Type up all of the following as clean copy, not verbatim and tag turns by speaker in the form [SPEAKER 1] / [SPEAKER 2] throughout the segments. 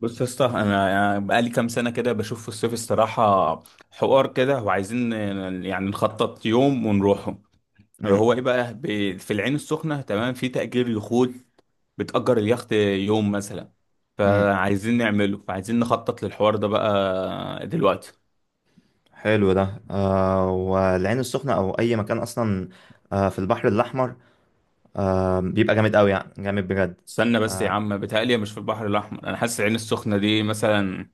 [SPEAKER 1] بص يا اسطى، انا يعني بقالي كام سنه كده بشوف في الصيف الصراحه حوار كده وعايزين يعني نخطط يوم ونروحه.
[SPEAKER 2] امم
[SPEAKER 1] هو ايه بقى، في العين السخنه تمام في تأجير يخوت. بتأجر اليخت يوم مثلا،
[SPEAKER 2] امم
[SPEAKER 1] فعايزين نعمله، فعايزين نخطط للحوار ده بقى دلوقتي.
[SPEAKER 2] حلو ده، والعين السخنة او اي مكان اصلا. آه، في البحر الاحمر. بيبقى جامد قوي، يعني جامد بجد
[SPEAKER 1] استنى بس يا عم، بتهيألي مش في البحر الاحمر، انا حاسس العين السخنه دي مثلا.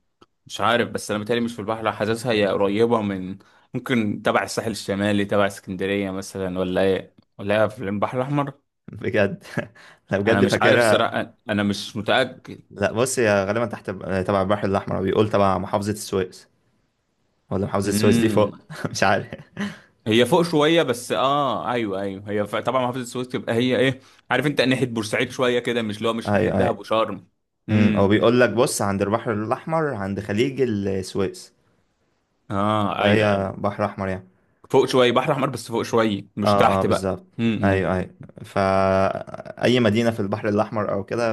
[SPEAKER 1] مش عارف، بس انا بتهيألي مش في البحر، حاسسها هي قريبة من، ممكن تبع الساحل الشمالي تبع اسكندرية مثلا، ولا ايه، ولا هي في البحر الاحمر؟
[SPEAKER 2] بجد. لا،
[SPEAKER 1] انا
[SPEAKER 2] بجد
[SPEAKER 1] مش عارف
[SPEAKER 2] فاكرها.
[SPEAKER 1] الصراحة، انا مش متأكد.
[SPEAKER 2] لا، بص يا، غالبا تحت، تبع البحر الاحمر، او بيقول تبع محافظة السويس. ولا محافظة السويس دي فوق؟
[SPEAKER 1] امم.
[SPEAKER 2] مش عارف.
[SPEAKER 1] هي فوق شوية، بس اه، ايوه ايوه، هي طبعا محافظة السويس تبقى هي ايه. عارف انت ناحية بورسعيد شوية كده، مش اللي هو مش
[SPEAKER 2] اي،
[SPEAKER 1] ناحية دهب
[SPEAKER 2] اي.
[SPEAKER 1] وشرم؟
[SPEAKER 2] او
[SPEAKER 1] امم.
[SPEAKER 2] بيقول لك، بص، عند البحر الاحمر، عند خليج السويس.
[SPEAKER 1] اه ايوه
[SPEAKER 2] فهي
[SPEAKER 1] ايوه،
[SPEAKER 2] بحر احمر يعني.
[SPEAKER 1] فوق شوية بحر احمر، بس فوق شوية مش
[SPEAKER 2] اه، اه،
[SPEAKER 1] تحت بقى.
[SPEAKER 2] بالظبط.
[SPEAKER 1] امم.
[SPEAKER 2] ايوه، ايوه. فا اي مدينه في البحر الاحمر او كده.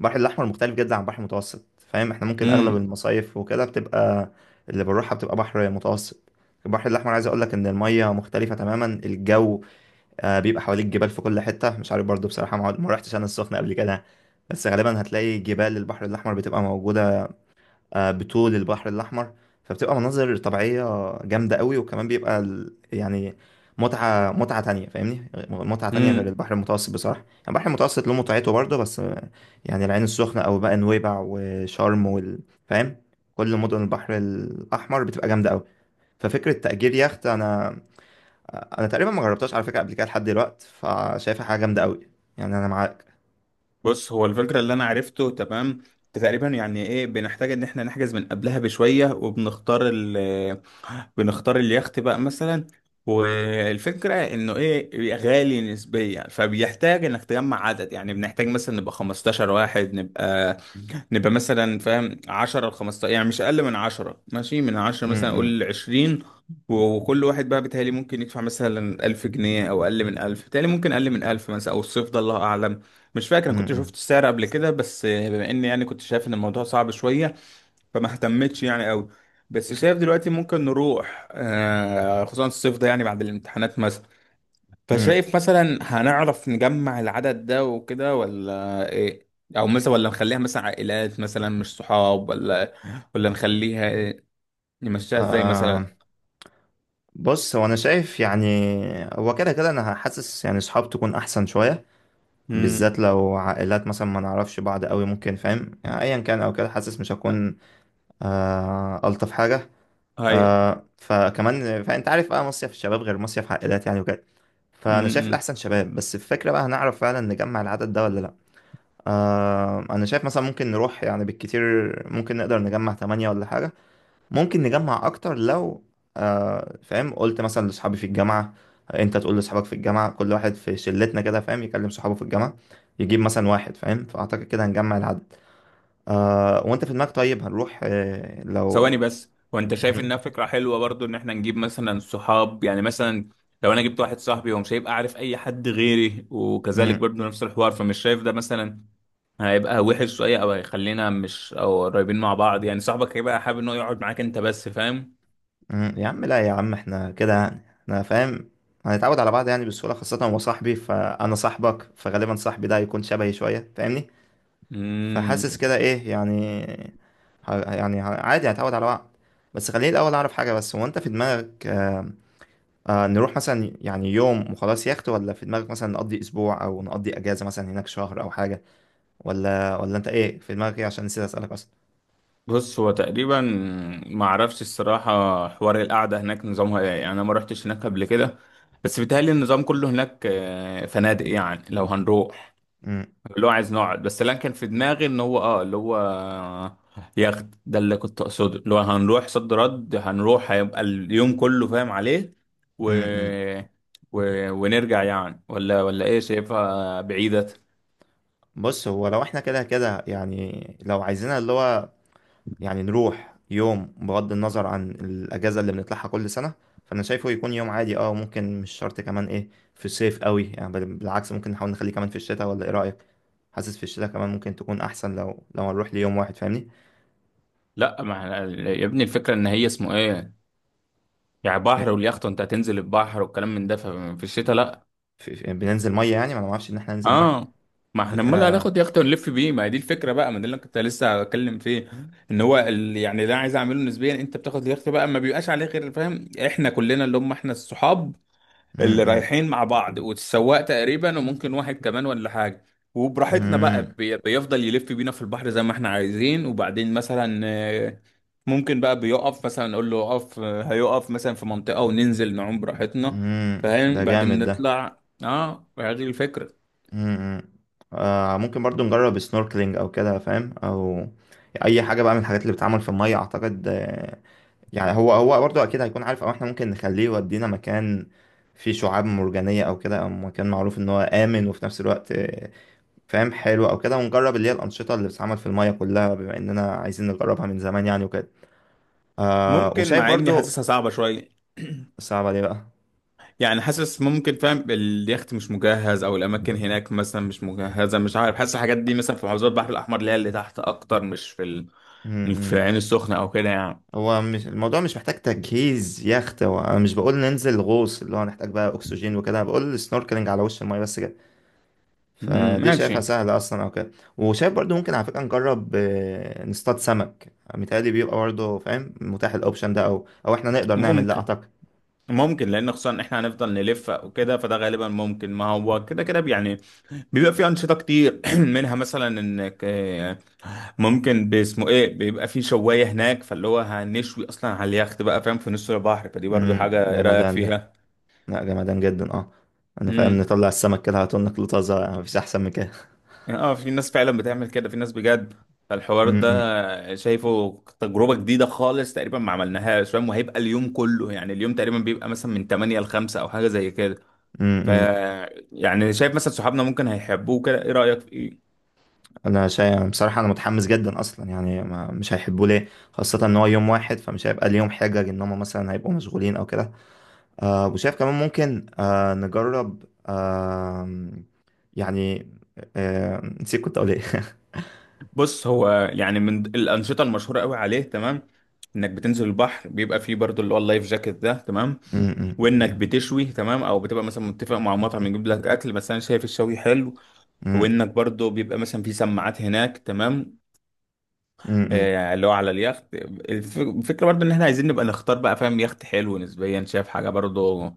[SPEAKER 2] البحر الاحمر مختلف جدا عن البحر المتوسط، فاهم، احنا ممكن اغلب المصايف وكده بتبقى، اللي بنروحها بتبقى بحر متوسط. البحر الاحمر، عايز اقول لك ان الميه مختلفه تماما، الجو. بيبقى حواليك جبال في كل حته، مش عارف برضو، بصراحه ما رحتش انا السخنه قبل كده، بس غالبا هتلاقي جبال البحر الاحمر بتبقى موجوده بطول البحر الأحمر. فبتبقى مناظر طبيعية جامدة قوي، وكمان بيبقى يعني متعة تانية، فاهمني، متعة تانية غير
[SPEAKER 1] امم.
[SPEAKER 2] البحر المتوسط. بصراحة يعني، البحر المتوسط له متعته برضه بس. يعني العين السخنة أو بقى نويبع وشرم فاهم، كل مدن البحر الأحمر بتبقى جامدة قوي. ففكرة تأجير يخت، أنا تقريبا ما جربتهاش على فكرة قبل كده لحد دلوقتي، فشايفها حاجة جامدة قوي. يعني أنا معاك.
[SPEAKER 1] بص، هو الفكرة اللي أنا عرفته تمام. تقريبا يعني إيه، بنحتاج إن إحنا نحجز من قبلها بشوية وبنختار بنختار اليخت بقى مثلا. والفكرة إنه إيه غالي نسبيا، فبيحتاج إنك تجمع عدد، يعني بنحتاج مثلا نبقى 15 واحد، نبقى مثلا فاهم 10 ل 15، يعني مش اقل من 10، ماشي، من 10
[SPEAKER 2] م-
[SPEAKER 1] مثلا
[SPEAKER 2] م-
[SPEAKER 1] اقول 20. وكل واحد بقى بيتهيألي ممكن يدفع مثلا 1000 جنيه او اقل من 1000، بيتهيألي ممكن اقل من 1000 مثلا، او الصيف ده الله اعلم. مش فاكر
[SPEAKER 2] م-
[SPEAKER 1] انا كنت
[SPEAKER 2] م.
[SPEAKER 1] شفت السعر قبل كده، بس بما اني يعني كنت شايف ان الموضوع صعب شويه، فما اهتمتش يعني قوي. بس شايف دلوقتي ممكن نروح، خصوصا الصيف ده يعني بعد الامتحانات مثلا.
[SPEAKER 2] م.
[SPEAKER 1] فشايف مثلا هنعرف نجمع العدد ده وكده ولا ايه؟ او مثلا ولا نخليها مثلا عائلات مثلا مش صحاب، ولا نخليها إيه؟ نمشيها ازاي
[SPEAKER 2] آم،
[SPEAKER 1] مثلا؟
[SPEAKER 2] بص، هو انا شايف يعني، هو كده كده انا حاسس يعني صحاب تكون احسن شويه،
[SPEAKER 1] امم.
[SPEAKER 2] بالذات لو عائلات مثلا ما نعرفش بعض قوي، ممكن فاهم يعني ايا كان او كده، حاسس مش هكون الطف حاجه.
[SPEAKER 1] ايوه.
[SPEAKER 2] فكمان، فانت عارف بقى مصيف الشباب غير مصيف عائلات يعني وكده. فانا شايف
[SPEAKER 1] امم.
[SPEAKER 2] الاحسن شباب، بس الفكره بقى، هنعرف فعلا نجمع العدد ده ولا لا؟ انا شايف مثلا ممكن نروح يعني بالكتير، ممكن نقدر نجمع تمانية ولا حاجه، ممكن نجمع اكتر لو فاهم، قلت مثلا لاصحابي في الجامعه، انت تقول لاصحابك في الجامعه، كل واحد في شلتنا كده، فاهم، يكلم صحابه في الجامعه يجيب مثلا واحد، فاهم، فاعتقد كده هنجمع العدد. وانت في دماغك طيب، هنروح
[SPEAKER 1] ثواني
[SPEAKER 2] لو...
[SPEAKER 1] بس، وانت شايف انها
[SPEAKER 2] مم.
[SPEAKER 1] فكره حلوه برضو ان احنا نجيب مثلا صحاب يعني مثلا. لو انا جبت واحد صاحبي، هو مش هيبقى عارف اي حد غيري، وكذلك
[SPEAKER 2] مم.
[SPEAKER 1] برضو نفس الحوار، فمش شايف ده مثلا هيبقى وحش شويه، او هيخلينا مش، او قريبين مع بعض؟ يعني صاحبك هيبقى حابب انه يقعد معاك انت بس، فاهم؟
[SPEAKER 2] مم. يا عم، لا يا عم، احنا كده يعني، احنا فاهم، هنتعود على بعض يعني بسهوله، خاصه هو صاحبي فانا صاحبك، فغالبا صاحبي ده هيكون شبهي شويه فاهمني.
[SPEAKER 1] مم.
[SPEAKER 2] فحاسس كده، ايه يعني، يعني عادي هتعود على وقت. بس خليني الاول اعرف حاجه، بس هو انت في دماغك... نروح مثلا يعني يوم وخلاص يخت، ولا في دماغك مثلا نقضي اسبوع او نقضي اجازه مثلا هناك شهر او حاجه؟ ولا انت ايه في دماغك، ايه، عشان نسيت اسالك اصلا.
[SPEAKER 1] بص، هو تقريبا ما اعرفش الصراحه، حوار القعده هناك نظامها ايه يعني، انا ما رحتش هناك قبل كده. بس بيتهيألي النظام كله هناك، فنادق يعني لو هنروح.
[SPEAKER 2] امم
[SPEAKER 1] اللي هو عايز نقعد، بس اللي أنا كان في دماغي ان هو اللي هو ياخد ده اللي كنت اقصده، اللي هو هنروح صد رد، هنروح هيبقى اليوم كله، فاهم عليه. و...
[SPEAKER 2] امم
[SPEAKER 1] و... ونرجع يعني، ولا ايه، شايفها بعيدة؟
[SPEAKER 2] بص، هو لو احنا كده كده يعني، لو عايزينها اللي هو يعني نروح يوم بغض النظر عن الأجازة اللي بنطلعها كل سنة، فأنا شايفه يكون يوم عادي، ممكن مش شرط كمان ايه، في الصيف قوي يعني. بالعكس، ممكن نحاول نخليه كمان في الشتاء، ولا ايه رأيك؟ حاسس في الشتاء كمان ممكن تكون أحسن، لو هنروح ليوم واحد فاهمني.
[SPEAKER 1] لا، ما إحنا- يا ابني، الفكرة ان هي اسمه ايه، يعني بحر
[SPEAKER 2] إيه،
[SPEAKER 1] واليخت وانت هتنزل البحر والكلام من ده، ففي الشتاء لا.
[SPEAKER 2] بننزل مية يعني؟ ما أنا معرفش إن احنا ننزل مية.
[SPEAKER 1] اه، ما احنا امال
[SPEAKER 2] فاكرها.
[SPEAKER 1] هناخد يخت ونلف بيه، ما هي دي الفكره بقى، ما ده اللي أنا كنت لسه بتكلم فيه. ان هو يعني ده عايز اعمله نسبيا، انت بتاخد اليخت بقى ما بيبقاش عليه غير، فاهم، احنا كلنا اللي هم احنا الصحاب اللي
[SPEAKER 2] أمم،
[SPEAKER 1] رايحين مع بعض والسواق تقريبا، وممكن واحد كمان ولا حاجة. وبراحتنا بقى
[SPEAKER 2] أمم،
[SPEAKER 1] بيفضل يلف بينا في البحر زي ما احنا عايزين، وبعدين مثلا ممكن بقى بيقف مثلا، نقول له اقف، هيقف مثلا في منطقة، وننزل نعوم براحتنا.
[SPEAKER 2] أمم،
[SPEAKER 1] فاهم،
[SPEAKER 2] ده
[SPEAKER 1] بعدين
[SPEAKER 2] جامد ده.
[SPEAKER 1] نطلع، هذه الفكرة.
[SPEAKER 2] أمم. ممكن برضو نجرب سنوركلينج أو كده، فاهم، أو أي حاجة بقى من الحاجات اللي بتتعمل في المية أعتقد. يعني هو هو برضه اكيد هيكون عارف، او احنا ممكن نخليه يودينا مكان فيه شعاب مرجانية او كده، او مكان معروف ان هو امن، وفي نفس الوقت فاهم، حلو او كده، ونجرب اللي هي الانشطة اللي بتتعمل في المية كلها، بما اننا عايزين نجربها من زمان يعني وكده.
[SPEAKER 1] ممكن،
[SPEAKER 2] وشايف
[SPEAKER 1] مع اني
[SPEAKER 2] برضه.
[SPEAKER 1] حاسسها صعبة شوية.
[SPEAKER 2] صعبة ليه بقى؟
[SPEAKER 1] يعني حاسس، ممكن فاهم اليخت مش مجهز، او الاماكن هناك مثلا مش مجهزه، مش عارف، حاسس الحاجات دي مثلا في محافظات البحر الاحمر اللي هي اللي تحت اكتر، مش في مش في
[SPEAKER 2] امم
[SPEAKER 1] العين السخنه او كده يعني.
[SPEAKER 2] هو مش الموضوع، مش محتاج تجهيز يخت، هو انا مش بقول ننزل غوص اللي هو هنحتاج بقى اكسجين وكده، أنا بقول سنوركلينج على وش المية بس كده،
[SPEAKER 1] مم،
[SPEAKER 2] فدي شايفها
[SPEAKER 1] ماشي.
[SPEAKER 2] سهلة أصلا أو كده. وشايف برضو ممكن، على فكرة نجرب نصطاد سمك، متهيألي بيبقى برضو فاهم متاح، الأوبشن ده، أو إحنا نقدر نعمل ده
[SPEAKER 1] ممكن.
[SPEAKER 2] أعتقد.
[SPEAKER 1] ممكن لان خصوصا احنا هنفضل نلف وكده، فده غالبا ممكن، ما هو كده كده يعني. بيبقى في انشطه كتير منها مثلا انك ممكن باسمه ايه، بيبقى في شوايه هناك، فاللي هو هنشوي اصلا على اليخت بقى، فاهم، في نص البحر، فدي برضو حاجه، ايه رايك
[SPEAKER 2] جمدان ده.
[SPEAKER 1] فيها؟
[SPEAKER 2] لا، جمدان جدا. أنا فاهم،
[SPEAKER 1] امم.
[SPEAKER 2] نطلع السمك كده هتقولنا كله طازة يعني، مفيش أحسن من كده.
[SPEAKER 1] يعني في ناس فعلا بتعمل كده، في ناس بجد. فالحوار
[SPEAKER 2] امم،
[SPEAKER 1] ده شايفه تجربة جديدة خالص، تقريبا ما عملناهاش، فاهم، وهيبقى اليوم كله، يعني اليوم تقريبا بيبقى مثلا من 8 ل 5 او حاجة زي كده. ف
[SPEAKER 2] امم.
[SPEAKER 1] يعني شايف مثلا صحابنا ممكن هيحبوه كده، ايه رأيك في ايه؟
[SPEAKER 2] أنا شايف بصراحة أنا متحمس جدا أصلا، يعني ما مش هيحبوا ليه، خاصة إن هو يوم واحد، فمش هيبقى ليهم حجج إن هما مثلا هيبقوا مشغولين أو كده. وشايف كمان ممكن نجرب. يعني نسيت كنت اقول ايه.
[SPEAKER 1] بص، هو يعني من الأنشطة المشهورة قوي عليه تمام. انك بتنزل البحر بيبقى فيه برضو اللي هو اللايف جاكيت ده تمام.
[SPEAKER 2] م-
[SPEAKER 1] وانك بتشوي تمام، او بتبقى مثلا متفق مع مطعم يجيب لك اكل، بس انا شايف الشوي حلو.
[SPEAKER 2] م-
[SPEAKER 1] وانك برضو بيبقى مثلا في سماعات هناك تمام.
[SPEAKER 2] م- م-
[SPEAKER 1] اللي هو على اليخت الفكرة برضو ان احنا عايزين نبقى نختار بقى، فاهم، يخت حلو نسبيا، شايف حاجة برضو؟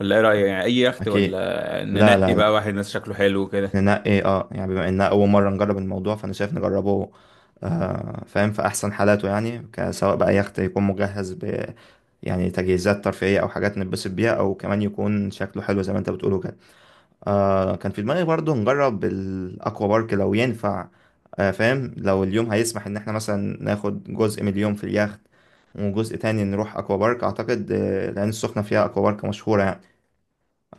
[SPEAKER 1] ولا ايه رأيك؟ يعني اي يخت،
[SPEAKER 2] اكيد.
[SPEAKER 1] ولا
[SPEAKER 2] لا،
[SPEAKER 1] ننقي
[SPEAKER 2] لا، لا،
[SPEAKER 1] بقى واحد ناس شكله حلو كده؟
[SPEAKER 2] ننقي، يعني بما اننا اول مره نجرب الموضوع، فانا شايف نجربه فاهم، في احسن حالاته، يعني سواء بقى يخت يكون مجهز يعني تجهيزات ترفيهيه، او حاجات نتبسط بيها، او كمان يكون شكله حلو زي ما انت بتقوله كده. كان في دماغي برضه نجرب الأكوا بارك لو ينفع. فاهم، لو اليوم هيسمح إن احنا مثلا ناخد جزء من اليوم في اليخت وجزء تاني نروح أكوا بارك أعتقد، لأن السخنة فيها أكوا بارك مشهورة يعني.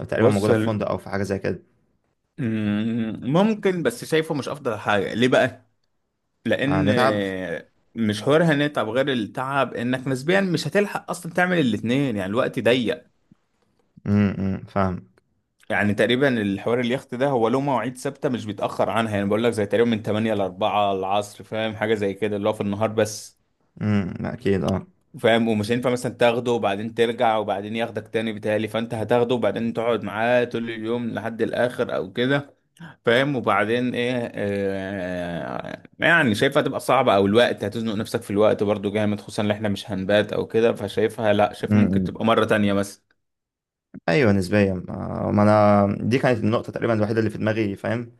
[SPEAKER 2] تقريبا
[SPEAKER 1] بص،
[SPEAKER 2] موجودة في فندق أو في حاجة زي كده.
[SPEAKER 1] ممكن، بس شايفه مش افضل حاجة، ليه بقى؟ لان
[SPEAKER 2] هنتعب.
[SPEAKER 1] مش حوار هنتعب غير التعب، انك نسبيا مش هتلحق اصلا تعمل الاتنين، يعني الوقت ضيق.
[SPEAKER 2] أمم، فاهم.
[SPEAKER 1] يعني تقريبا الحوار اليخت ده هو له مواعيد ثابته مش بيتاخر عنها، يعني بقول لك زي تقريبا من 8 ل 4 العصر، فاهم، حاجه زي كده، اللي هو في النهار بس.
[SPEAKER 2] أكيد اه
[SPEAKER 1] فاهم، ومش هينفع مثلا تاخده وبعدين ترجع وبعدين ياخدك تاني، بتهيألي فانت هتاخده وبعدين تقعد معاه طول اليوم لحد الاخر او كده. فاهم، وبعدين ايه، يعني شايفها تبقى صعبة، او الوقت هتزنق نفسك في الوقت برضو جامد، خصوصا ان احنا مش هنبات او كده، فشايفها لا، شايفها
[SPEAKER 2] امم،
[SPEAKER 1] ممكن
[SPEAKER 2] أمم.
[SPEAKER 1] تبقى مرة تانية بس.
[SPEAKER 2] ايوه، نسبيا، ما انا دي كانت النقطه تقريبا الوحيده اللي في دماغي فاهم.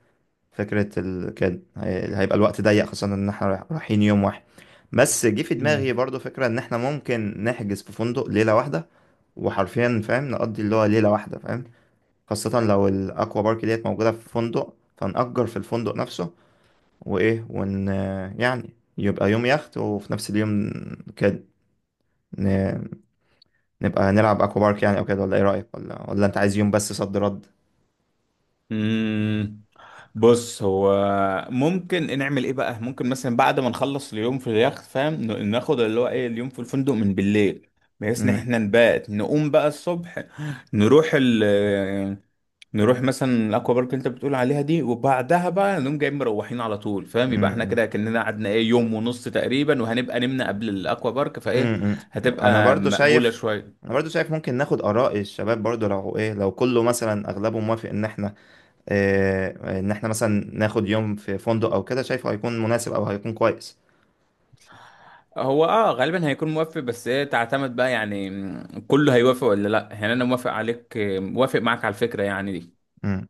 [SPEAKER 2] فكرة هيبقى الوقت ضيق، خصوصا ان احنا رايحين يوم واحد. بس جه في دماغي برضو فكرة ان احنا ممكن نحجز في فندق ليلة واحدة، وحرفيا فاهم نقضي اللي هو ليلة واحدة، فاهم، خاصة لو الاكوا بارك ديت موجودة في فندق، فنأجر في الفندق نفسه، وايه، ون... يعني يبقى يوم يخت وفي نفس اليوم كده ن... نبقى نلعب اكوا بارك يعني او كده، ولا ايه رأيك، ولا انت عايز يوم بس صد رد؟
[SPEAKER 1] مم. بص، هو ممكن نعمل ايه بقى؟ ممكن مثلا بعد ما نخلص اليوم في اليخت، فاهم، ناخد اللي هو ايه اليوم في الفندق من بالليل. بحيث ان احنا نبات، نقوم بقى الصبح، نروح ال نروح مثلا الاكوا بارك اللي انت بتقول عليها دي، وبعدها بقى نقوم جايين مروحين على طول، فاهم، يبقى احنا
[SPEAKER 2] امم
[SPEAKER 1] كده كأننا قعدنا ايه يوم ونص تقريبا، وهنبقى نمنا قبل الاكوا بارك فايه.
[SPEAKER 2] امم انا
[SPEAKER 1] هتبقى
[SPEAKER 2] برضو
[SPEAKER 1] مقبولة
[SPEAKER 2] شايف
[SPEAKER 1] شوية.
[SPEAKER 2] انا برضو شايف ممكن ناخد اراء الشباب برضو، لو ايه، لو كله مثلا اغلبه موافق ان احنا إيه، ان احنا مثلا ناخد يوم في فندق او كده، شايفه هيكون مناسب او هيكون كويس.
[SPEAKER 1] هو غالبا هيكون موافق، بس هي تعتمد بقى يعني، كله هيوافق ولا لا؟ يعني انا موافق عليك، موافق معاك على الفكرة يعني دي.
[SPEAKER 2] امم.